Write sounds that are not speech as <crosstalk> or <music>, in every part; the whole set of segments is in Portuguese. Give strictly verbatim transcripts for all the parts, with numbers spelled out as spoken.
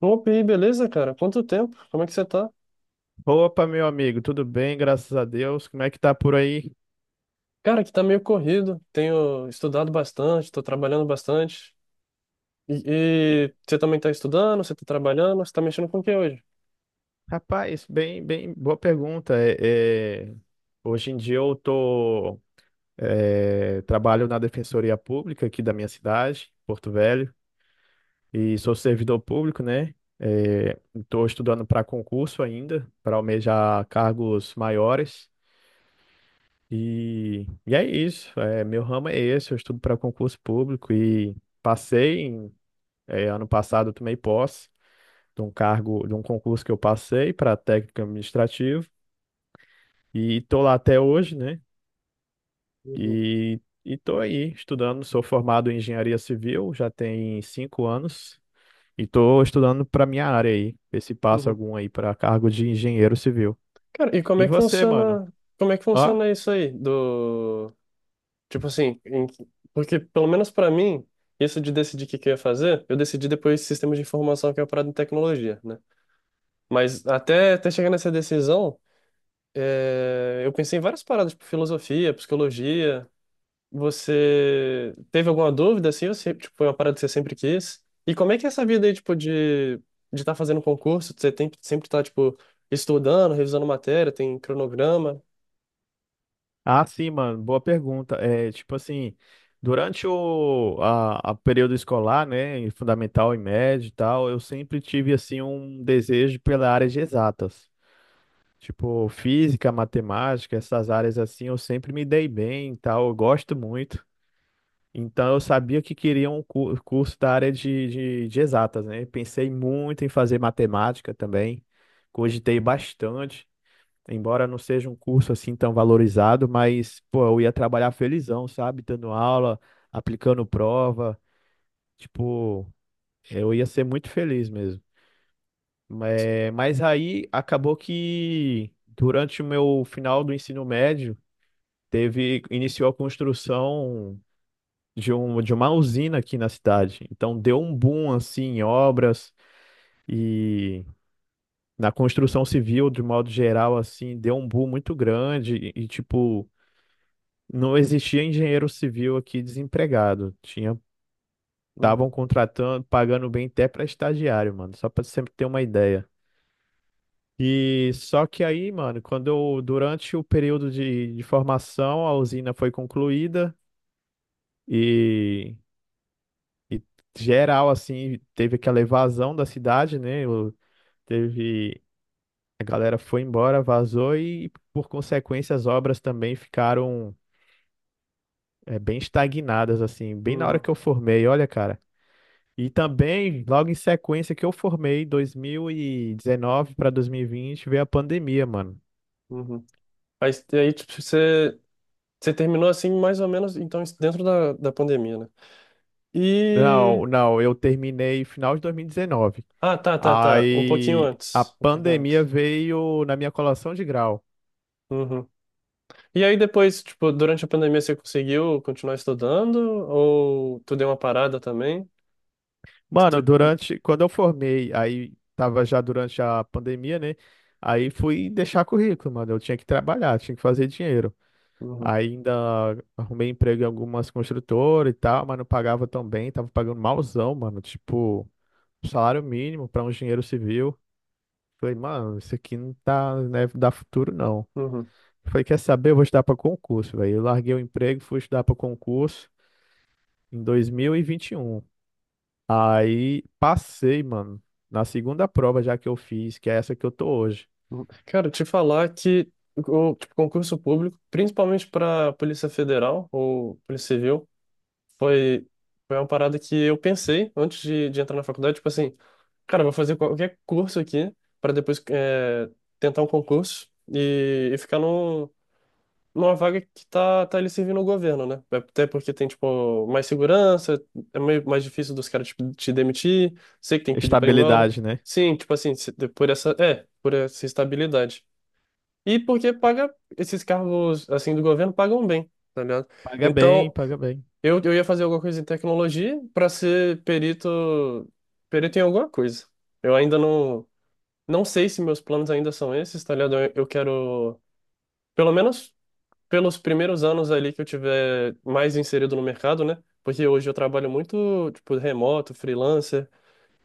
Opa, e aí, beleza, cara? Quanto tempo? Como é que você tá? Opa, meu amigo, tudo bem? Graças a Deus. Como é que tá por aí? Cara, aqui tá meio corrido. Tenho estudado bastante, tô trabalhando bastante. E, E, e você também tá estudando, você tá trabalhando, você tá mexendo com o que hoje? Rapaz, bem, bem, boa pergunta. É, é, hoje em dia eu tô, é, trabalho na Defensoria Pública aqui da minha cidade, Porto Velho, e sou servidor público, né? Estou estudando para concurso ainda, para almejar cargos maiores. E, e é isso. É, meu ramo é esse, eu estudo para concurso público e passei em, é, ano passado, eu tomei posse. De um cargo, de um concurso que eu passei para técnico administrativo e tô lá até hoje, né? Uhum, E e tô aí estudando, sou formado em engenharia civil, já tem cinco anos e tô estudando para minha área aí, ver se passa uhum. algum aí para cargo de engenheiro civil. Cara, e como E é que você, mano? funciona, como é que Ó, funciona isso aí do, tipo assim, em- porque pelo menos pra mim, isso de decidir o que que eu ia fazer, eu decidi depois de sistemas de informação que é uma parada em tecnologia, né? Mas até até chegar nessa decisão, é, eu pensei em várias paradas, tipo filosofia, psicologia. Você teve alguma dúvida assim? Ou sempre, tipo, foi uma parada que você sempre quis? E como é que é essa vida aí, tipo, de de estar fazendo concurso? Você tem, sempre tá, tipo, estudando, revisando matéria, tem cronograma? ah, sim, mano, boa pergunta. É, tipo assim, durante o a, a período escolar, né, em fundamental e médio e tal, eu sempre tive assim um desejo pela área de exatas. Tipo, física, matemática, essas áreas assim, eu sempre me dei bem e tal, eu gosto muito. Então, eu sabia que queria um cu- curso da área de, de, de exatas, né? Pensei muito em fazer matemática também, cogitei bastante, embora não seja um curso assim tão valorizado, mas, pô, eu ia trabalhar felizão, sabe? Dando aula, aplicando prova, tipo, eu ia ser muito feliz mesmo. É, mas aí acabou que durante o meu final do ensino médio, teve, iniciou a construção de, um, de uma usina aqui na cidade. Então deu um boom assim em obras e na construção civil, de modo geral, assim, deu um boom muito grande e, e, tipo, não existia engenheiro civil aqui desempregado. Tinha, Uhum, Estavam contratando, pagando bem até para estagiário, mano, só para sempre ter uma ideia. E só que aí, mano, quando eu, durante o período de, de formação, a usina foi concluída. e E geral, assim, teve aquela evasão da cidade, né? o- Teve. A galera foi embora, vazou e, por consequência, as obras também ficaram é, bem estagnadas, assim, bem na hora que uhum, eu formei, olha, cara. E também, logo em sequência que eu formei, dois mil e dezenove para dois mil e vinte veio a pandemia, mano. uhum. Aí, aí, tipo, você, você terminou assim, mais ou menos, então, dentro da, da pandemia, né? E. Não, não, eu terminei final de dois mil e dezenove. Ah, tá, tá, tá. Um pouquinho Aí a antes. Um pouquinho pandemia antes. veio na minha colação de grau. Uhum. E aí depois, tipo, durante a pandemia você conseguiu continuar estudando? Ou tu deu uma parada também? Mano, Tu. durante, quando eu formei, aí tava já durante a pandemia, né? Aí fui deixar currículo, mano. Eu tinha que trabalhar, tinha que fazer dinheiro. Uhum, Ainda arrumei emprego em algumas construtoras e tal, mas não pagava tão bem, tava pagando malzão, mano. Tipo, salário mínimo pra um engenheiro civil. Falei, mano, isso aqui não tá, né, dá futuro, não. uhum, Falei, quer saber? Eu vou estudar pra concurso, velho. Eu larguei o emprego, fui estudar pra concurso em dois mil e vinte e um. Aí passei, mano, na segunda prova já que eu fiz, que é essa que eu tô hoje. uhum. Cara, te falar que o tipo, concurso público, principalmente para Polícia Federal ou Polícia Civil, foi, foi uma parada que eu pensei antes de, de entrar na faculdade, tipo assim, cara, eu vou fazer qualquer curso aqui para depois é, tentar um concurso e, e ficar num, numa vaga que tá, tá ele servindo o governo, né? É. Até porque tem, tipo, mais segurança, é meio mais difícil dos caras tipo, te demitir, sei que tem que pedir pra ir embora. Estabilidade, né? Sim, tipo assim, se- por essa, é, por essa estabilidade. E porque paga, esses cargos, assim, do governo pagam bem, tá ligado? Paga bem, Então, paga bem. eu, eu ia fazer alguma coisa em tecnologia pra ser perito, perito em alguma coisa. Eu ainda não, não sei se meus planos ainda são esses, tá ligado? Eu, eu quero... Pelo menos pelos primeiros anos ali que eu tiver mais inserido no mercado, né? Porque hoje eu trabalho muito, tipo, remoto, freelancer,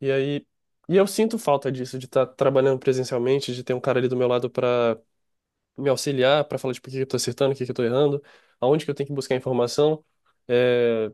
e aí e eu sinto falta disso, de estar trabalhando presencialmente, de ter um cara ali do meu lado para me auxiliar, para falar, tipo, o que que eu tô acertando, o que que eu tô errando, aonde que eu tenho que buscar informação. É,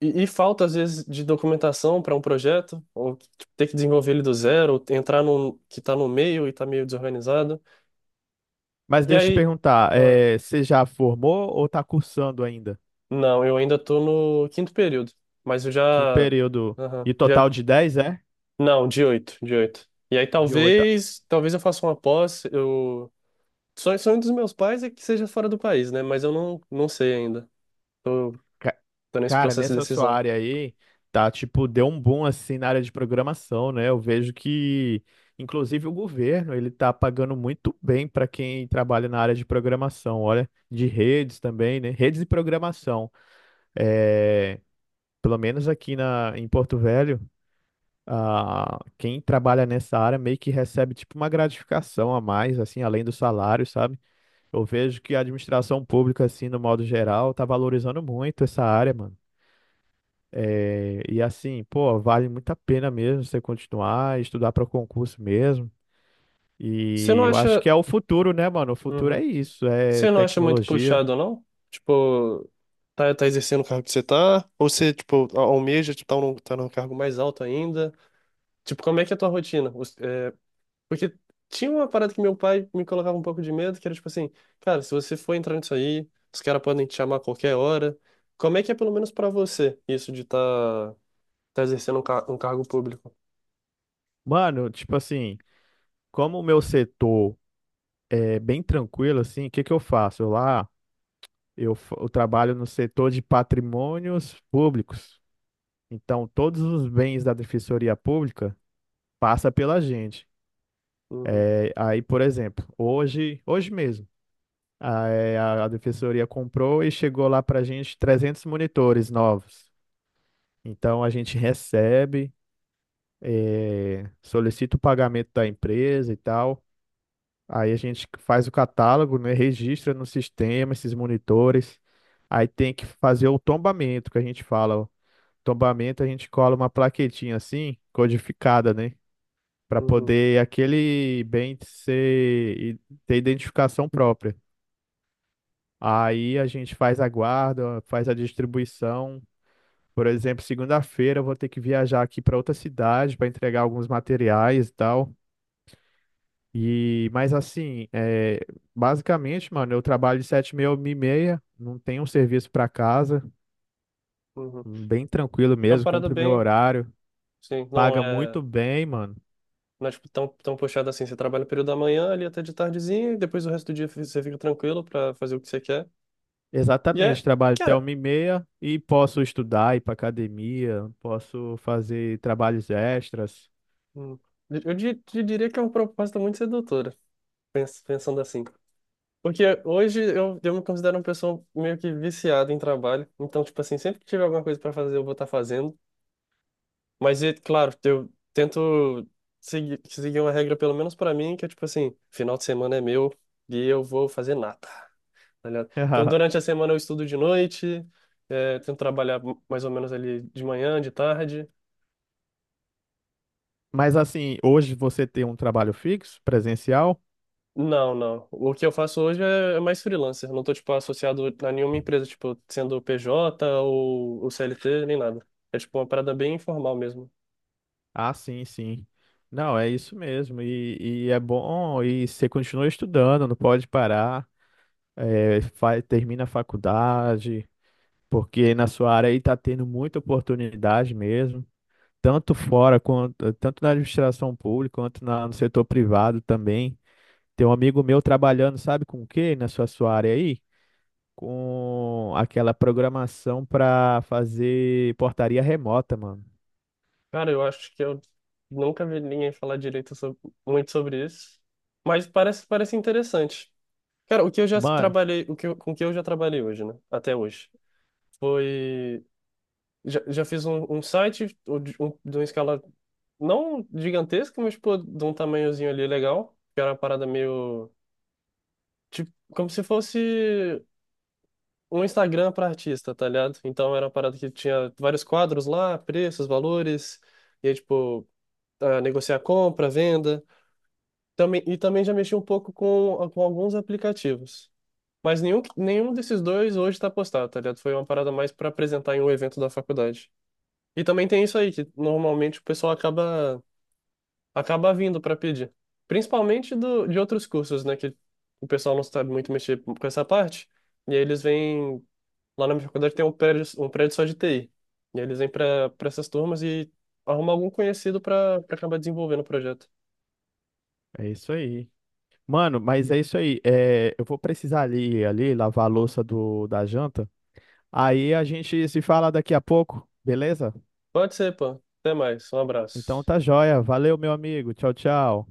E, e falta, às vezes, de documentação para um projeto, ou tipo, ter que desenvolver ele do zero, ou entrar num que tá no meio e tá meio desorganizado. Mas E deixa eu te aí. perguntar, ah, eh, você já formou ou tá cursando ainda? Não, eu ainda tô no quinto período, mas eu já. Quinto período. Aham, E já, total de dez, é? não, de oito, de oito. E aí De oito? talvez, talvez eu faça uma pós. Eu sonho, sonho dos meus pais é que seja fora do país, né? Mas eu não, não sei ainda. Ca- Tô nesse Cara, processo de nessa sua decisão. área aí, tá, tipo, deu um boom assim na área de programação, né? Eu vejo que, inclusive, o governo, ele tá pagando muito bem para quem trabalha na área de programação, olha, de redes também, né? Redes e programação. É, Pelo menos aqui na, em Porto Velho, ah, quem trabalha nessa área meio que recebe, tipo, uma gratificação a mais, assim, além do salário, sabe? Eu vejo que a administração pública, assim, no modo geral, tá valorizando muito essa área, mano. É, e assim, pô, vale muito a pena mesmo você continuar, estudar para concurso mesmo. Você E não eu acho que acha, é o futuro, né, mano? O futuro é uhum. isso, é Você não acha muito tecnologia. puxado, não? Tipo, tá, tá exercendo o cargo que você tá? Ou você, tipo, almeja, tipo, tá num, tá num cargo mais alto ainda? Tipo, como é que é a tua rotina? Os- é, porque tinha uma parada que meu pai me colocava um pouco de medo, que era tipo assim, cara, se você for entrar nisso aí, os caras podem te chamar a qualquer hora. Como é que é, pelo menos pra você, isso de tá, tá exercendo um, car um cargo público? Mano, tipo assim, como o meu setor é bem tranquilo, assim, o que que eu faço? Eu lá, eu, fa- eu trabalho no setor de patrimônios públicos. Então, todos os bens da Defensoria Pública passa pela gente. Uhum, É, aí, por exemplo, hoje, hoje mesmo. A, é, a, a defensoria comprou e chegou lá para a gente trezentos monitores novos. Então a gente recebe, é, solicita o pagamento da empresa e tal. Aí a gente faz o catálogo, né, registra no sistema esses monitores. Aí tem que fazer o tombamento, que a gente fala. O tombamento a gente cola uma plaquetinha assim, codificada, né? Para uhum, poder aquele bem ser, ter identificação própria. Aí a gente faz a guarda, faz a distribuição. Por exemplo, segunda-feira eu vou ter que viajar aqui para outra cidade para entregar alguns materiais e tal. E, mas assim, é, basicamente, mano, eu trabalho de sete e meia a uma e meia, não tenho um serviço para casa, uhum. bem tranquilo É uma mesmo, parada cumpro meu bem, horário, sim, não paga muito é, bem, mano. não é tipo, tão, tão puxada assim. Você trabalha o período da manhã ali até de tardezinha, e depois o resto do dia você fica tranquilo pra fazer o que você quer. E é, Exatamente, trabalho até cara, uma e meia e posso estudar, ir para academia, posso fazer trabalhos extras. hum, eu, di- eu diria que é uma proposta muito sedutora, pens- pensando assim. Porque hoje eu, eu me considero uma pessoa meio que viciada em trabalho. Então, tipo assim, sempre que tiver alguma coisa para fazer, eu vou estar fazendo. Mas, é claro, eu tento seguir, seguir uma regra, pelo menos para mim, que é tipo assim, final de semana é meu e eu vou fazer nada, tá ligado? Então, <laughs> durante a semana eu estudo de noite, é, tento trabalhar mais ou menos ali de manhã, de tarde. Mas assim, hoje você tem um trabalho fixo, presencial? Não, não. O que eu faço hoje é é mais freelancer. Não tô, tipo, associado a nenhuma empresa, tipo, sendo P J ou, ou C L T, nem nada. É, tipo, uma parada bem informal mesmo. Ah, sim, sim. Não, é isso mesmo. E, e é bom, e você continua estudando, não pode parar. É, fa- termina a faculdade, porque na sua área aí está tendo muita oportunidade mesmo, tanto fora quanto tanto na administração pública quanto na- no setor privado também. Tem um amigo meu trabalhando, sabe com o quê? Na sua, sua área aí? Com aquela programação para fazer portaria remota, mano. Cara, eu acho que eu nunca vi ninguém falar direito sobre- muito sobre isso. Mas parece, parece interessante. Cara, o que eu já Mano, trabalhei, o que eu- com o que eu já trabalhei hoje, né? Até hoje. Foi... Já, já fiz um, um site um, de um- de uma escala não gigantesca, mas, pô, de um tamanhozinho ali legal. Que era uma parada meio... Tipo, como se fosse um Instagram para artista, tá ligado? Então era uma parada que tinha vários quadros lá, preços, valores, e aí, tipo, ah, negociar compra, venda. Também, e também já mexi um pouco com, com alguns aplicativos. Mas nenhum, nenhum desses dois hoje está postado, tá ligado? Foi uma parada mais para apresentar em um evento da faculdade. E também tem isso aí, que normalmente o pessoal acaba, acaba vindo para pedir. Principalmente do, de outros cursos, né? Que o pessoal não sabe muito mexer com essa parte. E aí eles vêm lá na minha faculdade tem um prédio, um prédio só de T I. E aí eles vêm para para essas turmas e arrumam algum conhecido para para acabar desenvolvendo o projeto. é isso aí. Mano, mas é isso aí. É, eu vou precisar ali, ali lavar a louça do, da janta. Aí a gente se fala daqui a pouco, beleza? Pode ser, pô. Até mais. Um Então abraço. tá joia. Valeu, meu amigo. Tchau, tchau.